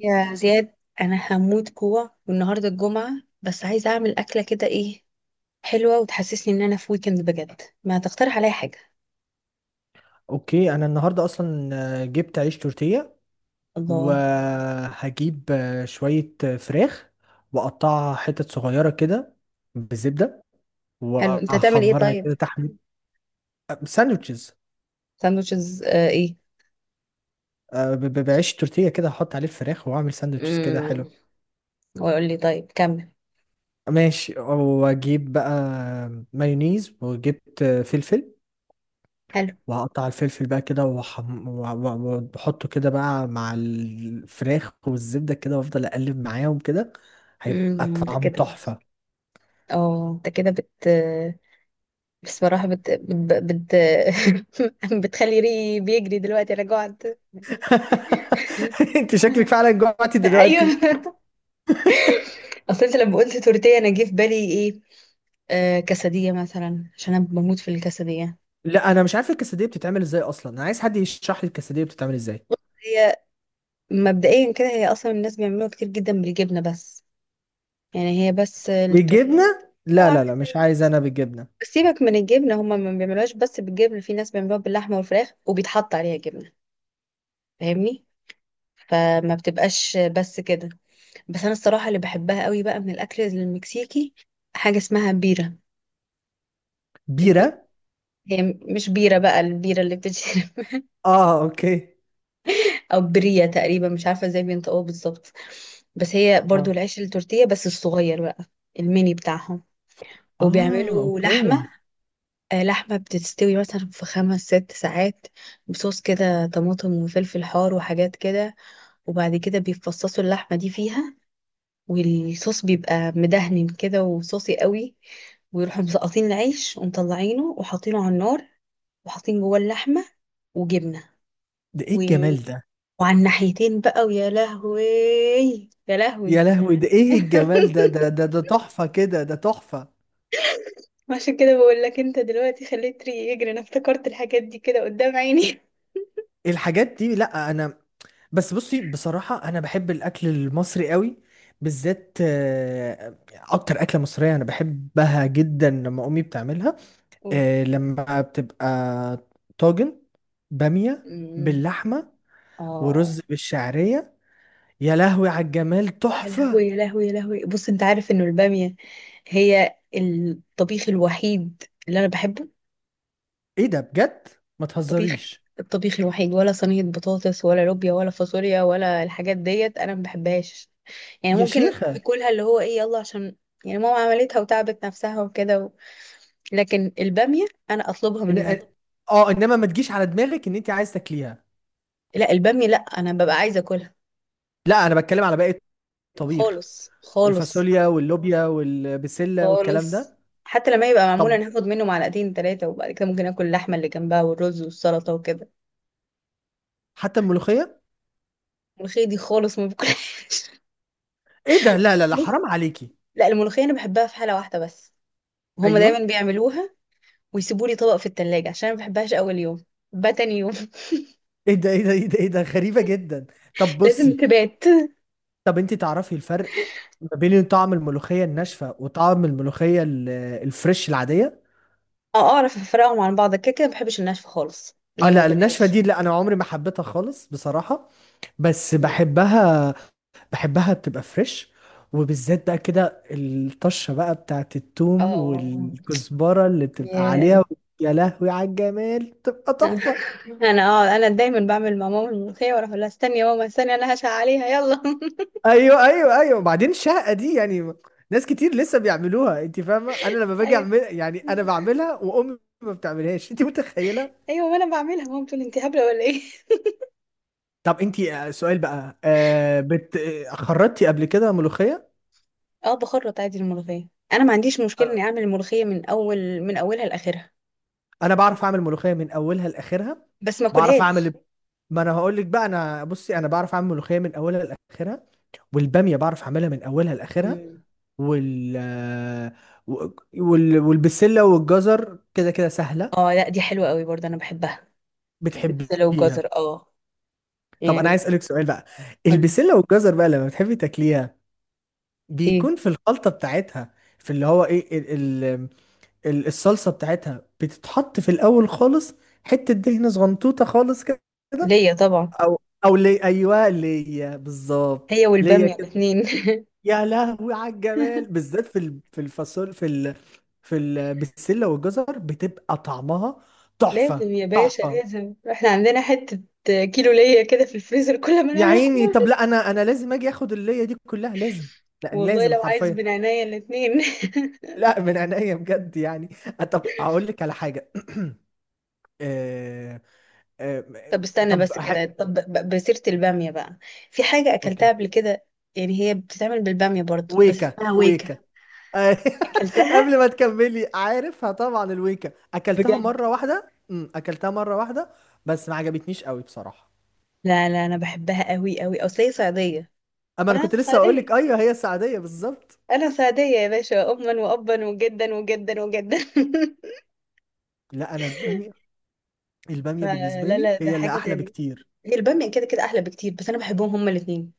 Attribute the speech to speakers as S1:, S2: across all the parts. S1: يا زياد، انا هموت جوع والنهارده الجمعه. بس عايزه اعمل اكله كده ايه حلوه وتحسسني ان انا في ويكند بجد. ما تقترح عليا حاجه؟
S2: اوكي، انا النهارده اصلا، جبت عيش تورتيه.
S1: الله.
S2: وهجيب شويه فراخ، واقطعها حتت صغيره كده بالزبده،
S1: حلو، انت هتعمل ايه
S2: واحمرها
S1: طيب؟
S2: كده تحمير. ساندوتشز.
S1: ساندوتشز ايه؟
S2: بعيش تورتيه كده هحط عليه الفراخ واعمل ساندوتشز كده حلو.
S1: امم ويقول لي طيب كمل.
S2: ماشي، واجيب بقى مايونيز، وجبت فلفل.
S1: حلو.
S2: وهقطع الفلفل بقى كده، وأحطه كده بقى مع الفراخ والزبدة كده، وأفضل أقلب معاهم كده. هيبقى
S1: انت
S2: طعمه
S1: كده،
S2: تحفة.
S1: اه انت كده بت، بصراحه بتخلي ريقي بيجري دلوقتي، انا جوعت.
S2: أنت شكلك فعلا جوعتي دلوقتي.
S1: ايوه، اصل انت لما قلت تورتيه انا جه في بالي ايه؟ آه كسدية مثلا، عشان أنا بموت في الكسدية.
S2: لا، أنا مش عارف الكسدية بتتعمل إزاي، أصلا أنا عايز حد يشرح لي الكسدية بتتعمل إزاي.
S1: هي مبدئيا كده هي أصلا الناس بيعملوها كتير جدا بالجبنة بس، يعني هي بس التورتيلا.
S2: بالجبنة؟
S1: اه
S2: لا لا
S1: عاملة
S2: لا، مش
S1: زي،
S2: عايز أنا بالجبنة.
S1: بس سيبك من الجبنة، هما ما بيعملوهاش بس بالجبنة، في ناس بيعملوها باللحمة والفراخ وبيتحط عليها جبنة، فاهمني؟ فما بتبقاش بس كده. بس أنا الصراحة اللي بحبها قوي بقى من الأكل المكسيكي حاجة اسمها بيرة. البيرة،
S2: بيرة؟
S1: هي مش بيرة بقى، البيرة اللي بتتشرب،
S2: آه، أوكي.
S1: او برية، تقريبا مش عارفة ازاي بينطقوها بالظبط. بس هي برضو
S2: آه.
S1: العيش التورتيه بس الصغير بقى، الميني بتاعهم،
S2: آه،
S1: وبيعملوا
S2: أوكي.
S1: لحمة، لحمة بتستوي مثلا في خمس ست ساعات بصوص كده طماطم وفلفل حار وحاجات كده، وبعد كده بيفصصوا اللحمة دي فيها، والصوص بيبقى مدهن كده وصوصي قوي، ويروحوا مسقطين العيش ومطلعينه وحاطينه على النار وحاطين جوه اللحمة وجبنة،
S2: ده إيه الجمال ده!
S1: وعلى الناحيتين بقى، ويا لهوي يا لهوي.
S2: يا لهوي، ده إيه الجمال ده ده ده ده تحفة كده، ده تحفة.
S1: عشان كده بقول لك انت دلوقتي خليت ريقي يجري، انا افتكرت الحاجات دي كده قدام عيني.
S2: الحاجات دي، لا انا... بس بصي، بصراحة انا بحب الاكل المصري قوي، بالذات اكتر اكلة مصرية انا بحبها جدا لما امي بتعملها.
S1: قول.
S2: لما بتبقى طاجن بامية
S1: امم.
S2: باللحمة، ورز
S1: اه.
S2: بالشعرية. يا لهوي على الجمال،
S1: يا
S2: تحفة.
S1: لهوي يا لهوي يا لهوي، بص انت عارف انه البامية هي الطبيخ الوحيد اللي انا بحبه.
S2: ايه ده بجد؟ ما
S1: طبيخ،
S2: تهزريش.
S1: الطبيخ الوحيد. ولا صينية بطاطس ولا لوبيا ولا فاصوليا ولا الحاجات ديت، انا ما بحبهاش. يعني
S2: يا
S1: ممكن
S2: شيخة.
S1: اكلها اللي هو ايه، يلا، عشان يعني ماما عملتها وتعبت نفسها وكده، لكن البامية أنا أطلبها
S2: إن...
S1: من ماما.
S2: اه، انما ما تجيش على دماغك ان انت عايز تاكليها.
S1: لا البامية، لا، أنا ببقى عايزة أكلها.
S2: لا انا بتكلم على باقي الطبيخ.
S1: خالص خالص.
S2: الفاصوليا واللوبيا والبسلة والكلام
S1: خالص
S2: ده.
S1: حتى لما يبقى معمول أنا
S2: طب،
S1: هاخد منه معلقتين تلاتة، وبعد كده ممكن آكل اللحمة اللي جنبها والرز والسلطة وكده.
S2: حتى الملوخية.
S1: الملوخية دي خالص ما باكلهاش.
S2: ايه ده؟ لا لا لا،
S1: بص،
S2: حرام عليكي.
S1: لا الملوخية أنا بحبها في حالة واحدة بس، هما
S2: ايوه.
S1: دايما بيعملوها ويسيبوا لي طبق في التلاجة، عشان أنا ما بحبهاش أول يوم، بحبها تاني يوم.
S2: ايه ده؟ ايه ده؟ ايه ده؟ ايه ده؟ غريبة جدا. طب
S1: لازم
S2: بصي.
S1: تبات.
S2: طب انت تعرفي الفرق ما بين طعم الملوخية الناشفة وطعم الملوخية الفريش العادية؟
S1: أه أعرف أفرقهم عن بعض كده كده، ما بحبش الناشفة خالص
S2: اه
S1: يعني، ما
S2: لا، الناشفة
S1: باكلهاش.
S2: دي لا، انا عمري ما حبيتها خالص بصراحة. بس بحبها، بحبها تبقى فريش. وبالذات بقى كده الطشة بقى بتاعت التوم
S1: اه.
S2: والكزبرة اللي بتبقى
S1: ياه.
S2: عليها. يا لهوي على الجمال، بتبقى تحفة.
S1: انا اه انا دايما بعمل مع ماما الملوخيه، واروح اقول لها استني يا ماما استني، انا هشع عليها، يلا.
S2: ايوه، ايوه، ايوه. وبعدين الشهقة دي يعني، ناس كتير لسه بيعملوها، انت فاهمة؟ انا لما باجي
S1: ايوه
S2: اعمل يعني انا بعملها، وامي ما بتعملهاش. انت متخيلة؟
S1: ايوه، ما انا بعملها، ماما بتقول انت هبله ولا ايه؟
S2: طب انت سؤال بقى. بت، خرطتي قبل كده ملوخية؟
S1: اه بخرط عادي الملوخيه، انا ما عنديش مشكله اني اعمل الملوخيه من اول، من اولها لاخرها،
S2: انا بعرف اعمل ملوخيه من اولها لاخرها.
S1: بس ما
S2: بعرف اعمل...
S1: اكلهاش.
S2: ما انا هقول لك بقى، انا... بصي، انا بعرف اعمل ملوخيه من اولها لاخرها، والباميه بعرف اعملها من اولها لاخرها.
S1: مم.
S2: وال والبسله والجزر كده كده سهله.
S1: اه لا دي حلوه قوي برضه، انا بحبها. البسله
S2: بتحبيها؟
S1: والجزر اه،
S2: طب انا عايز
S1: يعني.
S2: اسالك سؤال بقى.
S1: قولي.
S2: البسله والجزر بقى، لما بتحبي تاكليها
S1: ايه؟
S2: بيكون في الخلطه بتاعتها، في اللي هو ايه، ال... الصلصه بتاعتها بتتحط في الاول خالص، حته دهنه صغنطوطه خالص كده؟
S1: ليا طبعا.
S2: او لي، ايوه، ليا بالظبط،
S1: هي
S2: ليا
S1: والباميه
S2: كده.
S1: الاثنين.
S2: يا لهوي على الجمال. بالذات في ال- في الفاصول في ال... في ال... بالسله والجزر بتبقى طعمها تحفه،
S1: لازم يا باشا
S2: تحفه.
S1: لازم، احنا عندنا حته كيلو ليا كده في الفريزر كل ما
S2: يا
S1: نعمل
S2: عيني.
S1: حاجه.
S2: طب لا، انا لازم اجي اخد الليا دي كلها. لازم. لا
S1: والله
S2: لازم
S1: لو عايز
S2: حرفيا.
S1: من عينيا الاتنين.
S2: لا من عينيا بجد يعني. طب اقول لك على حاجه. آه... آه...
S1: طب استنى
S2: طب
S1: بس كده، طب بسيرة البامية بقى، في حاجة أكلتها
S2: اوكي.
S1: قبل كده، يعني هي بتتعمل بالبامية برضو بس
S2: ويكا،
S1: اسمها ويكا.
S2: ويكا.
S1: أكلتها
S2: قبل ما تكملي، عارفها طبعا، الويكا اكلتها
S1: بجد؟
S2: مره واحده، اكلتها مره واحده. بس ما عجبتنيش قوي بصراحه.
S1: لا لا، أنا بحبها قوي قوي، أصل هي صعيدية
S2: اما انا
S1: وأنا
S2: كنت لسه اقول لك،
S1: صعيدية،
S2: ايوه هي السعديه بالظبط.
S1: أنا صعيدية يا باشا أما وأبا، وجدا وجدا وجدا.
S2: لا انا، الباميه الباميه بالنسبه
S1: فلا
S2: لي
S1: لا، ده
S2: هي اللي
S1: حاجة
S2: احلى
S1: تانية،
S2: بكتير.
S1: هي البامية كده كده أحلى بكتير، بس أنا بحبهم هما الاتنين،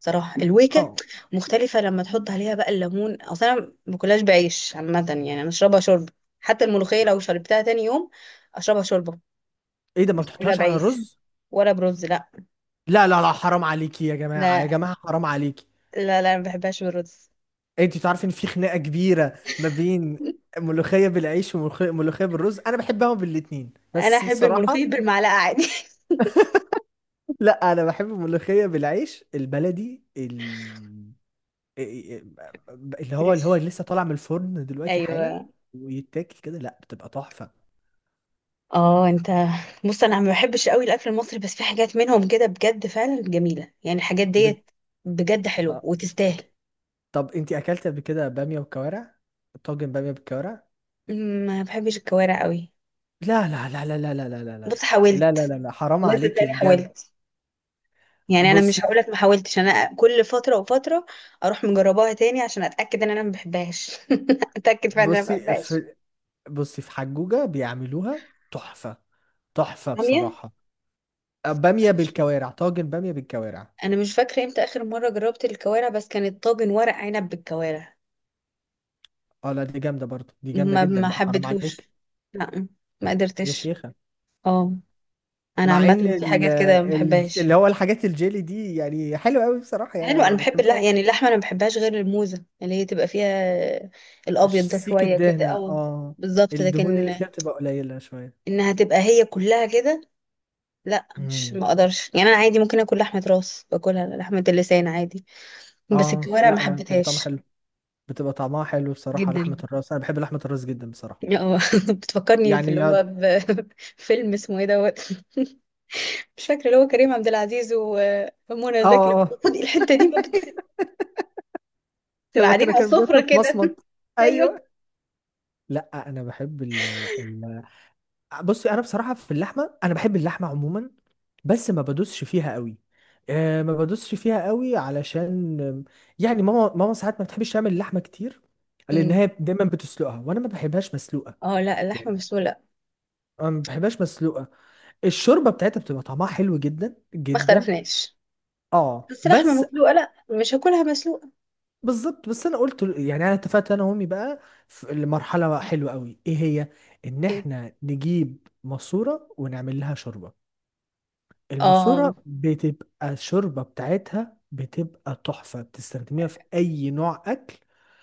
S1: صراحة الويكة
S2: اه.
S1: مختلفة. لما تحط عليها بقى الليمون، أصلا أنا ما باكلهاش بعيش عامة، يعني أنا أشربها شوربة، حتى الملوخية
S2: ما-
S1: لو شربتها تاني يوم أشربها شوربة،
S2: ايه ده، ما
S1: مش باكلها
S2: بتحطهاش على
S1: بعيش
S2: الرز؟
S1: ولا برز، لا.
S2: لا لا لا، حرام عليكي. يا جماعه يا
S1: لا
S2: جماعه، حرام عليكي.
S1: لا لا، ما بحبهاش بالرز.
S2: انت تعرفي ان في خناقه كبيره ما بين ملوخيه بالعيش وملوخيه ملوخية بالرز؟ انا بحبهم بالاتنين
S1: أنا
S2: بس
S1: أحب
S2: بصراحه.
S1: الملوخية بالمعلقة عادي.
S2: لا، انا بحب الملوخيه بالعيش البلدي، اللي هو
S1: فريش،
S2: لسه طالع من الفرن دلوقتي حالا،
S1: أيوه.
S2: ويتاكل كده، لا بتبقى تحفه.
S1: اه انت، بص انا ما بحبش قوي الاكل المصري، بس في حاجات منهم كده بجد فعلا جميله، يعني الحاجات
S2: ب...
S1: ديت بجد حلوه
S2: آه.
S1: وتستاهل.
S2: طب انتي اكلت قبل كده باميه وكوارع؟ طاجن باميه بالكوارع.
S1: ما بحبش الكوارع قوي.
S2: لا لا لا لا لا لا لا لا لا
S1: بص،
S2: لا لا
S1: حاولت،
S2: لا لا، حرام
S1: والله
S2: عليكي
S1: صدقني
S2: بجد.
S1: حاولت، يعني انا مش
S2: بصي
S1: هقولك ما حاولتش، انا كل فتره وفتره اروح مجرباها تاني عشان اتاكد ان انا ما بحبهاش. اتاكد فعلا ان انا ما
S2: بصي
S1: بحبهاش.
S2: في بصي في حجوجه بيعملوها تحفه. تحفه
S1: باميه.
S2: بصراحه.
S1: انا
S2: باميه
S1: مش،
S2: بالكوارع، طاجن باميه بالكوارع.
S1: أنا مش فاكره امتى اخر مره جربت الكوارع، بس كانت طاجن ورق عنب بالكوارع،
S2: اه لا، دي جامده برضو، دي جامده
S1: ما
S2: جدا
S1: ما
S2: بقى، حرام
S1: حبيتهوش،
S2: عليك.
S1: لا ما
S2: يا
S1: قدرتش.
S2: شيخة.
S1: اه انا
S2: مع
S1: عامه
S2: ان
S1: في حاجات كده ما بحبهاش.
S2: اللي هو الحاجات الجيلي دي يعني حلوة قوي بصراحة، يعني
S1: حلو، انا
S2: انا
S1: بحب
S2: بحبها
S1: اللحمه، يعني
S2: قوي.
S1: اللحمه انا ما بحبهاش غير الموزه اللي هي تبقى فيها الابيض ده
S2: سيك
S1: شويه كده،
S2: الدهنة،
S1: او،
S2: اه.
S1: بالظبط.
S2: الدهون
S1: لكن
S2: اللي فيها بتبقى قليلة شوية.
S1: انها تبقى هي كلها كده، لا مش،
S2: مم.
S1: ما اقدرش. يعني انا عادي ممكن اكل لحمه راس، باكلها، لحمه اللسان عادي. بس
S2: اه
S1: الكوارع ما
S2: لا لا، بتبقى طعمها
S1: حبيتهاش.
S2: حلو. بتبقى طعمها حلو بصراحة.
S1: جدا.
S2: لحمة الراس، انا بحب لحمة الراس جدا بصراحة.
S1: اه. بتفكرني في اللي
S2: يعني
S1: هو
S2: اه،
S1: فيلم اسمه ايه دوت، مش فاكره، اللي هو كريم عبد العزيز ومنى زكي، لما بيقول
S2: اه.
S1: خدي الحته دي بقى، بتبقى
S2: لما
S1: قاعدين
S2: كانوا
S1: على
S2: كانوا
S1: السفره
S2: بياكلوا في
S1: كده.
S2: مصمت.
S1: ايوه.
S2: ايوه. لا انا بحب بصي، انا بصراحه في اللحمه، انا بحب اللحمه عموما، بس ما بدوسش فيها قوي. أه ما بدوسش فيها قوي علشان يعني ماما ساعات ما بتحبش تعمل اللحمه كتير، لان هي
S1: امم.
S2: دايما بتسلقها وانا ما بحبهاش مسلوقه.
S1: اه لا اللحمه
S2: يعني
S1: مسلوقه لا.
S2: أنا ما بحبهاش مسلوقه. الشوربه بتاعتها بتبقى طعمها حلو جدا
S1: ما
S2: جدا،
S1: اختلفناش،
S2: اه.
S1: بس لحمه
S2: بس
S1: مسلوقه لا، مش هاكلها مسلوقه.
S2: بالظبط، بس انا يعني، انا اتفقت انا وامي بقى في لمرحله حلوه قوي، ايه هي، ان
S1: ايه؟
S2: احنا نجيب ماسوره ونعمل لها شوربه. الماسورة
S1: اه.
S2: بتبقى الشوربة بتاعتها بتبقى تحفة، بتستخدميها في أي نوع أكل.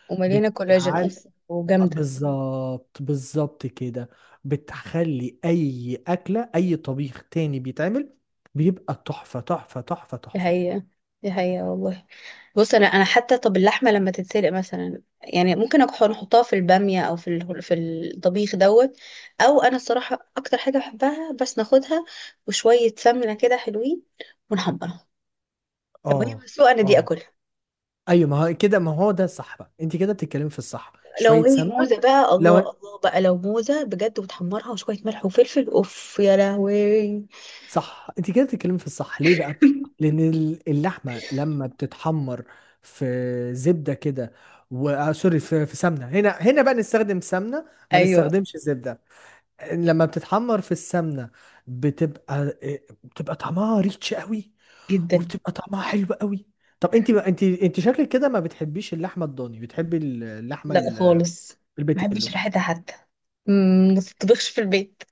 S1: ومليانه كولاجين
S2: بتعال،
S1: اصلا، وجامده.
S2: بالظبط بالظبط كده. بتخلي أي أكلة، أي طبيخ تاني بيتعمل، بيبقى تحفة تحفة تحفة
S1: دي
S2: تحفة.
S1: حقيقه، دي حقيقه والله. بص انا انا، حتى طب اللحمه لما تتسلق مثلا يعني ممكن نحطها في الباميه او في في الطبيخ دوت، او انا الصراحه اكتر حاجه بحبها، بس ناخدها وشويه سمنه كده حلوين ونحمرها، لو هي
S2: اه،
S1: مسلوقه انا دي
S2: اه،
S1: اكلها.
S2: ايوه ما هو كده، ما هو ده صح بقى. انت كده بتتكلمي في الصح.
S1: لو
S2: شويه
S1: هي
S2: سمنه،
S1: موزه بقى، الله
S2: لو
S1: الله بقى، لو موزه بجد وتحمرها وشويه ملح وفلفل، اوف يا لهوي.
S2: صح. انت كده بتتكلمي في الصح ليه بقى؟ لان اللحمه لما بتتحمر في زبده كده و... آه سوري، في سمنه، هنا هنا بقى نستخدم سمنه، ما
S1: ايوه.
S2: نستخدمش زبده. لما بتتحمر في السمنه بتبقى بتبقى طعمها ريتش قوي،
S1: جدا.
S2: وبتبقى طعمها حلو قوي. طب انت شكلك كده ما بتحبيش اللحمه الضاني، بتحبي اللحمه
S1: لا خالص، ما بحبش
S2: البيتيلو.
S1: ريحتها حتى. ما تطبخش في البيت.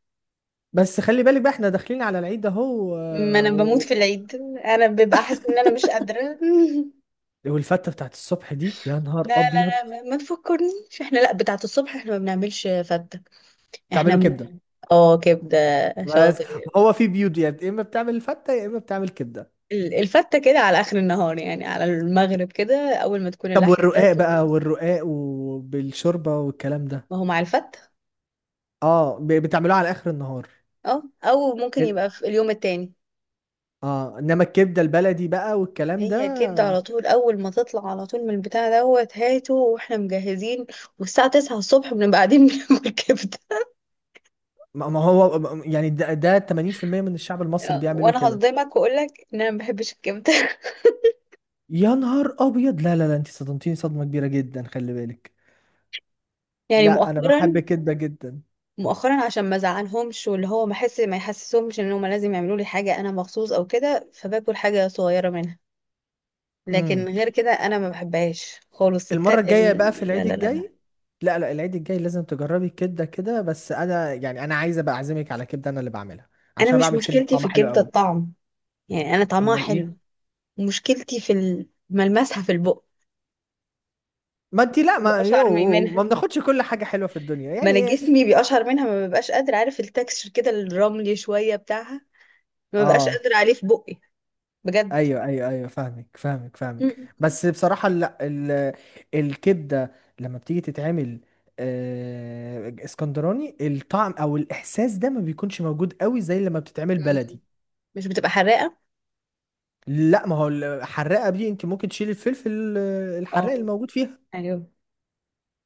S2: بس خلي بالك بقى احنا داخلين على العيد اهو.
S1: ما انا بموت في العيد، انا ببقى حاسه ان انا مش قادره.
S2: والفته بتاعت الصبح دي، يا نهار
S1: لا
S2: ابيض.
S1: لا لا، ما ما تفكرنيش، احنا لا بتاعه الصبح احنا ما بنعملش فته، احنا
S2: بتعمله كبده
S1: من... اه كبده.
S2: بس.
S1: شاطر.
S2: ما هو في بيوت يعني، يا اما بتعمل الفته يا اما بتعمل كبده.
S1: الفته كده على اخر النهار يعني، على المغرب كده، اول ما تكون
S2: طب
S1: اللحمه
S2: والرقاق
S1: جت
S2: بقى،
S1: وخلاص.
S2: والرقاق وبالشوربه والكلام ده؟
S1: ما هو مع الفته،
S2: اه، بتعملوه على اخر النهار.
S1: اه او ممكن
S2: إن-
S1: يبقى في اليوم التاني.
S2: اه، انما الكبده البلدي بقى والكلام ده،
S1: هي كبده على طول، اول ما تطلع على طول من البتاع دوت، هاته واحنا مجهزين، والساعه 9 الصبح بنبقى قاعدين بناكل كبده.
S2: ما هو يعني، ده 80% من الشعب المصري بيعملوا
S1: وانا
S2: كده.
S1: هصدمك واقول لك ان انا ما بحبش الكبده.
S2: يا نهار ابيض، لا لا لا، انت صدمتيني صدمه كبيره جدا، خلي بالك.
S1: يعني
S2: لا، انا بحب
S1: مؤخرا،
S2: كده جدا.
S1: مؤخرا عشان ما ازعلهمش، واللي هو ما احس، ما يحسسهمش ان هم لازم يعملوا لي حاجه انا مخصوص او كده، فباكل حاجه صغيره منها،
S2: إمم.
S1: لكن غير كده انا ما بحبهاش خالص.
S2: المرة الجاية بقى في
S1: لا
S2: العيد
S1: لا لا لا.
S2: الجاي، لا لا العيد الجاي لازم تجربي الكبدة كده، بس انا يعني، انا عايز ابقى اعزمك على كبدة انا اللي بعملها،
S1: انا
S2: عشان
S1: مش،
S2: بعمل كبدة
S1: مشكلتي في
S2: طعمها حلو
S1: الكبده
S2: قوي.
S1: الطعم، يعني انا طعمها
S2: امال ايه؟
S1: حلو، مشكلتي في ملمسها، في البق،
S2: ما انت، لا،
S1: بيقشعر منها،
S2: ما بناخدش كل حاجة حلوة في الدنيا
S1: ما
S2: يعني،
S1: انا
S2: ايه.
S1: جسمي بيقشعر منها، ما ببقاش قادر، عارف التكستشر كده الرملي شويه بتاعها، ما ببقاش
S2: اه،
S1: قادر عليه في بقي. بجد.
S2: ايوه ايوه ايوه، فاهمك فاهمك فاهمك، بس بصراحة لا، الكبدة لما بتيجي تتعمل اسكندراني، الطعم او الاحساس ده ما بيكونش موجود قوي زي لما بتتعمل
S1: مم.
S2: بلدي.
S1: مش بتبقى حراقة؟
S2: لا، ما هو الحراقه دي انت ممكن تشيل الفلفل، الحراق
S1: اه.
S2: الموجود فيها.
S1: ايوه.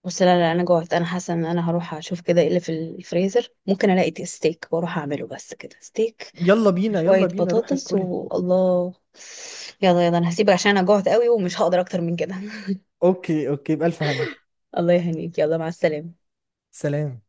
S1: بس لا لا انا جوعت، انا حاسه ان انا هروح اشوف كده ايه اللي في الفريزر، ممكن الاقي ستيك واروح اعمله بس كده، ستيك
S2: يلا
S1: مع
S2: بينا،
S1: شويه
S2: يلا بينا، روحي
S1: بطاطس
S2: كلي.
S1: والله. يلا يلا، انا هسيبك عشان انا جوعت قوي ومش هقدر اكتر من كده.
S2: اوكي، اوكي، بألف هنا.
S1: الله يهنيك، يلا، مع السلامه.
S2: سلام.